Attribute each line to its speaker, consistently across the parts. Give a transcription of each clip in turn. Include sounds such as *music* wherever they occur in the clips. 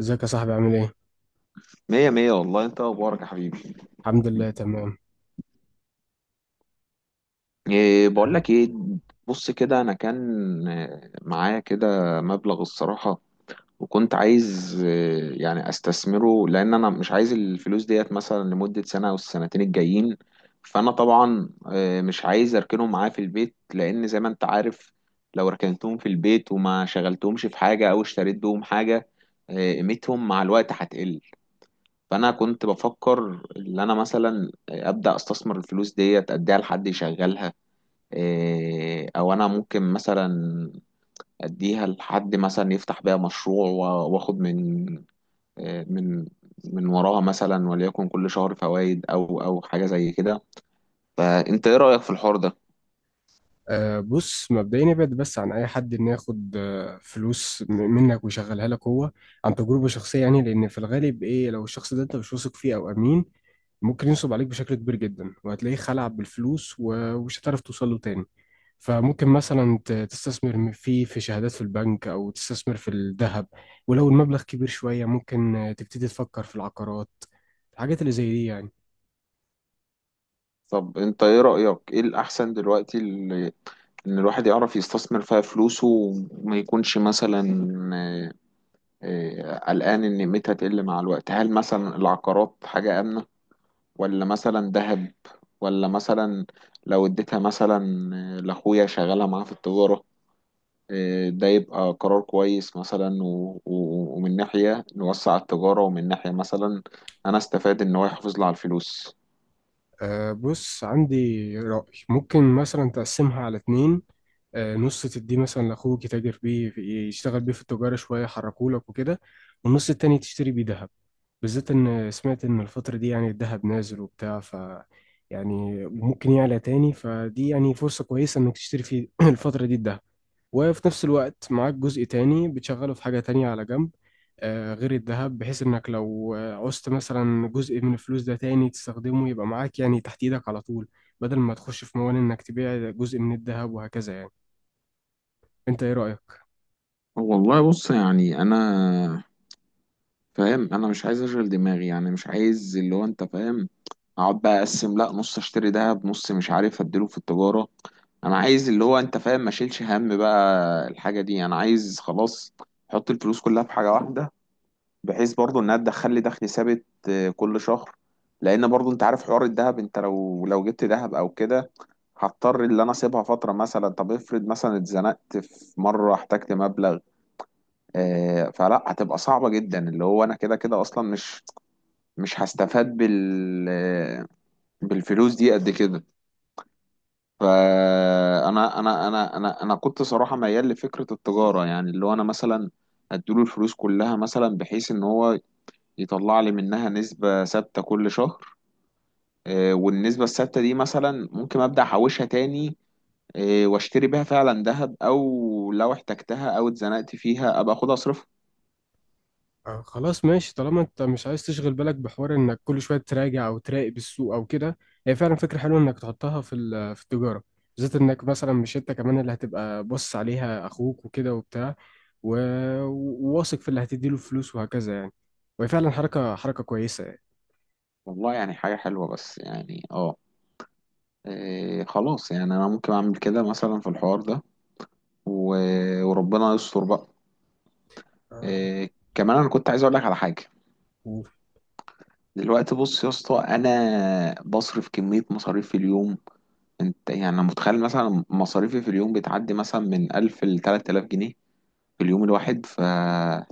Speaker 1: ازيك يا صاحبي عامل ايه؟
Speaker 2: مية مية، والله. انت اخبارك يا حبيبي؟
Speaker 1: الحمد لله تمام.
Speaker 2: بقول لك ايه. بص كده انا كان معايا كده مبلغ الصراحة. وكنت عايز يعني استثمره لان انا مش عايز الفلوس ديت مثلا لمدة سنة او السنتين الجايين. فانا طبعا مش عايز اركنهم معايا في البيت، لان زي ما انت عارف لو ركنتهم في البيت وما شغلتهمش في حاجة او اشتريت بهم حاجة، قيمتهم مع الوقت هتقل. فانا كنت بفكر ان انا مثلا ابدا استثمر الفلوس ديت، اديها لحد يشغلها. او انا ممكن مثلا اديها لحد مثلا يفتح بيها مشروع و- واخد من إيه، من من وراها مثلا، وليكن كل شهر فوائد او حاجه زي كده. فانت ايه رايك في الحوار ده؟
Speaker 1: أه، بص، مبدئيا ابعد بس عن اي حد انه ياخد فلوس منك ويشغلها لك هو، عن تجربة شخصية. يعني لان في الغالب ايه، لو الشخص ده انت مش واثق فيه او امين ممكن ينصب عليك بشكل كبير جدا، وهتلاقيه خلع بالفلوس ومش هتعرف توصل له تاني. فممكن مثلا تستثمر فيه في شهادات في البنك، او تستثمر في الذهب. ولو المبلغ كبير شوية ممكن تبتدي تفكر في العقارات، الحاجات اللي زي دي يعني.
Speaker 2: طب انت ايه رايك، ايه الاحسن دلوقتي ان الواحد يعرف يستثمر فيها فلوسه وما يكونش مثلا آه، إيه، قلقان إن قيمتها تقل مع الوقت؟ هل مثلا العقارات حاجة آمنة، ولا مثلا ذهب، ولا مثلا لو اديتها مثلا لأخويا شغالها معاه في التجارة، ده يبقى قرار كويس مثلا؟ و... و... ومن ناحية نوسع التجارة، ومن ناحية مثلا أنا استفاد إن هو يحافظ لي على الفلوس.
Speaker 1: أه، بص، عندي رأي، ممكن مثلا تقسمها على اتنين. أه، نص تديه مثلا لأخوك يتاجر بيه، في يشتغل بيه في التجارة شوية، يحركولك وكده. والنص التاني تشتري بيه دهب، بالذات إن سمعت إن الفترة دي يعني الدهب نازل وبتاع. ف يعني ممكن يعلى تاني، فدي يعني فرصة كويسة إنك تشتري في *clears throat* الفترة دي الدهب. وفي نفس الوقت معاك جزء تاني بتشغله في حاجة تانية على جنب، غير الذهب، بحيث انك لو عوزت مثلا جزء من الفلوس ده تاني تستخدمه يبقى معاك يعني تحت ايدك على طول، بدل ما تخش في موال انك تبيع جزء من الذهب وهكذا يعني. انت ايه رأيك؟
Speaker 2: والله بص، يعني انا فاهم، انا مش عايز اشغل دماغي، يعني مش عايز اللي هو انت فاهم اقعد بقى اقسم، لا نص اشتري دهب نص مش عارف اديله في التجارة. انا عايز اللي هو انت فاهم ما اشيلش هم بقى الحاجة دي، انا عايز خلاص احط الفلوس كلها في حاجة واحدة، بحيث برضو انها تدخل لي دخل ثابت كل شهر. لان برضو انت عارف حوار الدهب، انت لو جبت دهب او كده هضطر اللي انا اسيبها فترة. مثلا طب افرض مثلا اتزنقت في مرة احتجت مبلغ، فلا هتبقى صعبة جدا. اللي هو انا كده كده اصلا مش هستفاد بالفلوس دي قد كده. فانا انا انا انا انا كنت صراحه ميال لفكره التجاره، يعني اللي هو انا مثلا اديله الفلوس كلها مثلا بحيث ان هو يطلع لي منها نسبه ثابته كل شهر. والنسبه الثابته دي مثلا ممكن ابدا احوشها تاني، واشتري بيها فعلا ذهب، او لو احتجتها او اتزنقت فيها ابقى اخدها اصرفها.
Speaker 1: خلاص ماشي. طالما انت مش عايز تشغل بالك بحوار انك كل شويه تراجع او تراقب السوق او كده، هي فعلا فكره حلوه انك تحطها في في التجاره، بالذات انك مثلا مش انت كمان اللي هتبقى بص عليها، اخوك وكده وبتاع، و- وواثق في اللي هتديله فلوس وهكذا يعني. وهي فعلا حركه كويسه يعني.
Speaker 2: والله يعني حاجه حلوه، بس يعني اه خلاص. يعني انا ممكن اعمل كده مثلا في الحوار ده، و- وربنا يستر بقى.
Speaker 1: آه،
Speaker 2: كمان انا كنت عايز اقول لك على حاجه.
Speaker 1: و-
Speaker 2: دلوقتي بص يا اسطى، انا بصرف كميه مصاريف في اليوم. انت يعني انا متخيل مثلا مصاريفي في اليوم بتعدي مثلا من 1000 ل 3000 جنيه في اليوم الواحد، ف آه،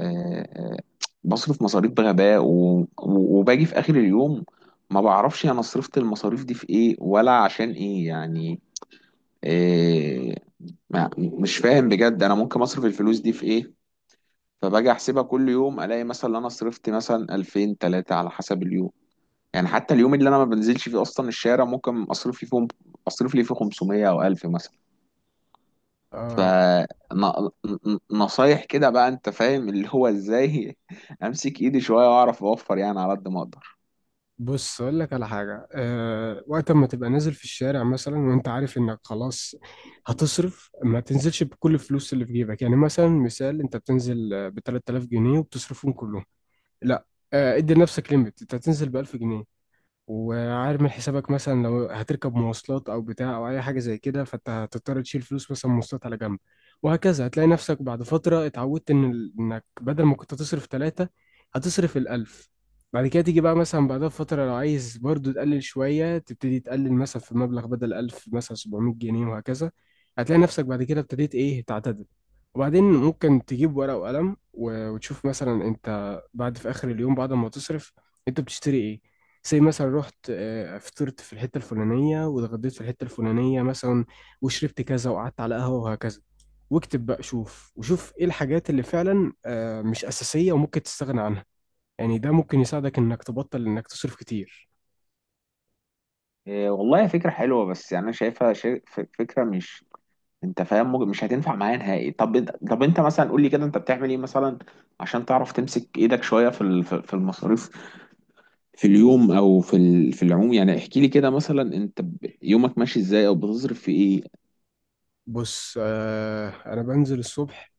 Speaker 2: آه، بصرف مصاريف بغباء، و... و- وباجي في اخر اليوم ما بعرفش انا صرفت المصاريف دي في ايه ولا عشان ايه يعني. إيه... ما... مش فاهم بجد انا ممكن اصرف الفلوس دي في ايه. فباجي احسبها كل يوم الاقي مثلا ان انا صرفت مثلا 2000 3 على حسب اليوم. يعني حتى اليوم اللي انا ما بنزلش فيه اصلا الشارع، ممكن اصرف لي فيه 500 او 1000 مثلا. ف
Speaker 1: آه،
Speaker 2: نصايح كده بقى، انت فاهم اللي هو ازاي *laughs* امسك ايدي شويه واعرف اوفر يعني على قد ما اقدر.
Speaker 1: بص اقول لك على حاجه. أه، وقت ما تبقى نازل في الشارع مثلا وانت عارف انك خلاص هتصرف، ما تنزلش بكل الفلوس اللي في جيبك. يعني مثلا مثال، انت بتنزل ب 3000 جنيه وبتصرفهم كلهم. لا. ادي لنفسك ليميت، انت هتنزل ب 1000 جنيه. وعارف من حسابك مثلا لو هتركب مواصلات او بتاع او اي حاجه زي كده، فانت هتضطر تشيل فلوس مثلا مواصلات على جنب، وهكذا. هتلاقي نفسك بعد فتره اتعودت ان انك بدل ما كنت تصرف ثلاثه، هتصرف الالف. بعد كده تيجي بقى مثلا بعدها بفتره، لو عايز برضو تقلل شويه، تبتدي تقلل مثلا في المبلغ، بدل 1000 مثلا 700 جنيه، وهكذا. هتلاقي نفسك بعد كده ابتديت ايه، تعتدل. وبعدين ممكن تجيب ورقه وقلم، وتشوف مثلا انت بعد في اخر اليوم بعد ما تصرف انت بتشتري ايه. زي مثلا رحت فطرت في الحتة الفلانية، واتغديت في الحتة الفلانية مثلا، وشربت كذا، وقعدت على قهوة وهكذا. واكتب بقى، شوف وشوف ايه الحاجات اللي فعلا مش أساسية وممكن تستغنى عنها. يعني ده ممكن يساعدك انك تبطل انك تصرف كتير.
Speaker 2: إيه والله فكره حلوه، بس يعني انا شايفها فكره مش، انت فاهم مش هتنفع معايا نهائي. طب انت مثلا قول لي كده، انت بتعمل ايه مثلا عشان تعرف تمسك ايدك شويه في في المصاريف في اليوم، او في في العموم. يعني احكي لي كده مثلا، انت يومك ماشي ازاي او بتصرف في ايه؟
Speaker 1: بص، انا بنزل الصبح،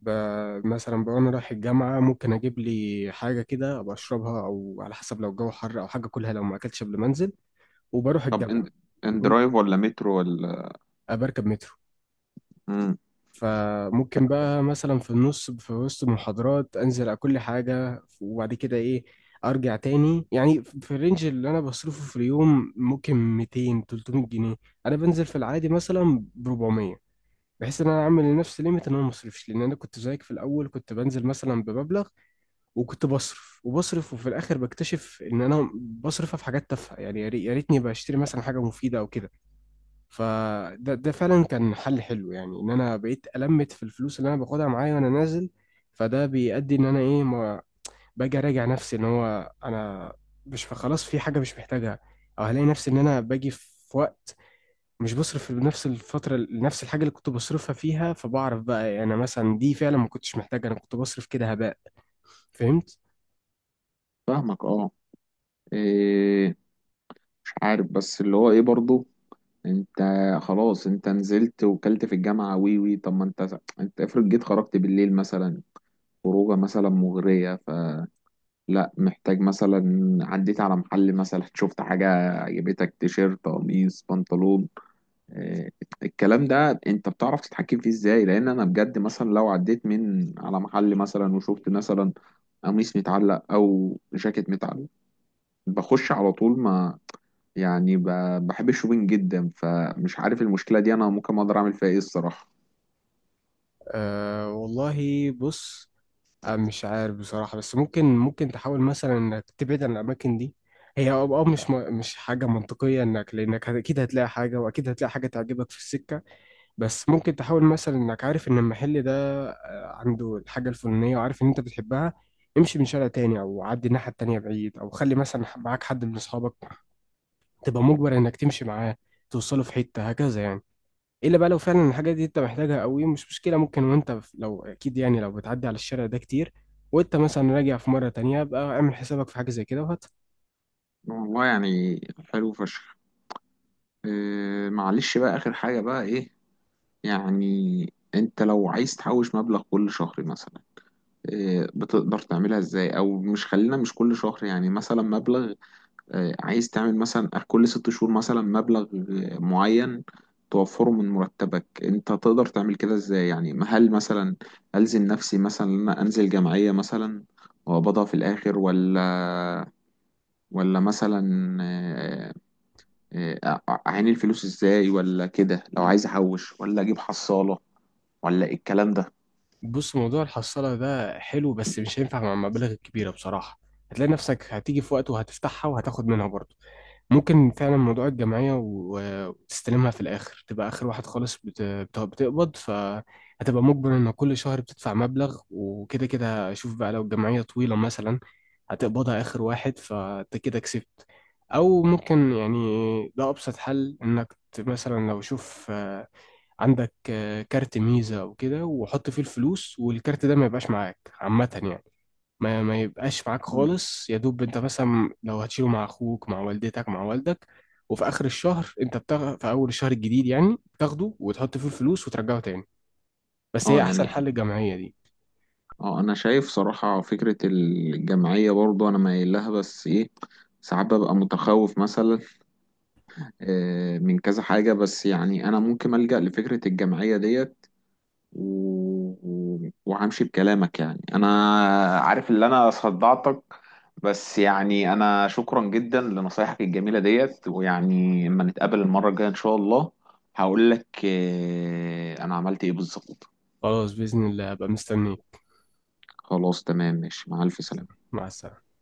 Speaker 1: مثلا بقى انا رايح الجامعة، ممكن اجيب لي حاجة كده ابقى اشربها، او على حسب لو الجو حر، او حاجة كلها لو ما اكلتش قبل ما انزل. وبروح
Speaker 2: طب
Speaker 1: الجامعة،
Speaker 2: ان
Speaker 1: أبقى
Speaker 2: درايف ولا مترو ولا؟
Speaker 1: بركب مترو.
Speaker 2: امم
Speaker 1: فممكن بقى مثلا في النص في وسط محاضرات انزل اكل حاجه، وبعد كده ايه، ارجع تاني. يعني في الرينج اللي انا بصرفه في اليوم ممكن 200 300 جنيه. انا بنزل في العادي مثلا ب 400، بحيث ان انا اعمل لنفسي ليميت ان انا ما اصرفش. لان انا كنت زيك في الاول، كنت بنزل مثلا بمبلغ، وكنت بصرف وبصرف، وفي الاخر بكتشف ان انا بصرفها في حاجات تافهه يعني. يا ريتني بشتري مثلا حاجه مفيده او كده. فده فعلا كان حل حلو، يعني ان انا بقيت المت في الفلوس اللي انا باخدها معايا وانا نازل. فده بيؤدي ان انا ايه، ما باجي اراجع نفسي ان هو انا مش خلاص في حاجه مش محتاجها. او هلاقي نفسي ان انا باجي في وقت مش بصرف في نفس الفتره نفس الحاجه اللي كنت بصرفها فيها. فبعرف بقى، يعني انا مثلا دي فعلا ما كنتش محتاجها، انا كنت بصرف كده هباء. فهمت.
Speaker 2: فاهمك اه. إيه مش عارف بس اللي هو ايه برضو انت خلاص، انت نزلت وكلت في الجامعة وي وي. طب ما انت افرض جيت خرجت بالليل مثلا، خروجة مثلا مغرية، فلا محتاج مثلا، عديت على محل مثلا شفت حاجة عجبتك، تيشيرت قميص بنطلون، آه، الكلام ده انت بتعرف تتحكم فيه ازاي؟ لان انا بجد مثلا لو عديت من على محل مثلا وشفت مثلا قميص متعلق او جاكيت متعلق، بخش على طول ما. يعني بحب الشوبينج جدا، فمش عارف المشكلة دي انا ممكن اقدر اعمل فيها ايه الصراحة.
Speaker 1: آه، والله بص. مش عارف بصراحة، بس ممكن تحاول مثلا انك تبعد عن الاماكن دي. هي مش حاجة منطقية، لانك اكيد هتلاقي حاجة، واكيد هتلاقي حاجة تعجبك في السكة. بس ممكن تحاول مثلا انك عارف ان المحل ده عنده الحاجة الفلانية، وعارف ان انت بتحبها. امشي من شارع تاني او عدي الناحية التانية بعيد، او خلي مثلا معاك حد من اصحابك، تبقى مجبر انك تمشي معاه توصله في حتة هكذا يعني. الا بقى لو فعلا الحاجه دي انت محتاجها قوي، مش مشكله. ممكن وانت لو اكيد يعني لو بتعدي على الشارع ده كتير، وانت مثلا راجع في مره تانية بقى، اعمل حسابك في حاجه زي كده وهات.
Speaker 2: والله يعني حلو فشخ. إيه معلش بقى، آخر حاجة بقى. إيه، يعني أنت لو عايز تحوش مبلغ كل شهر مثلا، إيه بتقدر تعملها إزاي؟ أو مش، خلينا مش كل شهر، يعني مثلا مبلغ عايز تعمل مثلا كل ست شهور مثلا مبلغ معين توفره من مرتبك، انت تقدر تعمل كده ازاي يعني؟ ما هل مثلا ألزم نفسي مثلا ان انا انزل جمعية مثلا وأقبضها في الآخر، ولا ولا مثلا آه، أعين الفلوس ازاي، ولا كده لو عايز أحوش ولا أجيب حصالة، ولا إيه الكلام ده؟
Speaker 1: بص، موضوع الحصاله ده حلو بس مش هينفع مع المبالغ الكبيره بصراحه. هتلاقي نفسك هتيجي في وقت وهتفتحها وهتاخد منها برضه. ممكن فعلا موضوع الجمعية، وتستلمها في الآخر تبقى آخر واحد خالص بتقبض، فهتبقى مجبر إن كل شهر بتدفع مبلغ. وكده كده شوف بقى، لو الجمعية طويلة مثلا هتقبضها آخر واحد، فأنت كده كسبت. أو ممكن يعني، ده أبسط حل، إنك مثلا لو شوف عندك كارت ميزة أو كده، وحط فيه الفلوس، والكارت ده ما يبقاش معاك عامة يعني. ما يبقاش معاك
Speaker 2: مم.
Speaker 1: خالص، يا دوب انت مثلا لو هتشيله مع اخوك، مع والدتك، مع والدك. وفي اخر الشهر انت بتاخد في اول الشهر الجديد يعني بتاخده وتحط فيه الفلوس وترجعه تاني. بس هي
Speaker 2: اه
Speaker 1: احسن
Speaker 2: يعني،
Speaker 1: حل الجمعية دي.
Speaker 2: اه انا شايف صراحة فكرة الجمعية، برضو انا مايل لها، بس ايه ساعات ببقى متخوف مثلا من كذا حاجة. بس يعني أنا ممكن ألجأ لفكرة الجمعية ديت، و... و- وهمشي بكلامك. يعني أنا عارف اللي أنا صدعتك، بس يعني أنا شكرا جدا لنصايحك الجميلة ديت. ويعني لما نتقابل المرة الجاية إن شاء الله هقول لك أنا عملت إيه بالظبط.
Speaker 1: خلاص بإذن الله هبقى مستنيك.
Speaker 2: خلاص تمام ماشي، مع ألف سلامة.
Speaker 1: مع السلامة.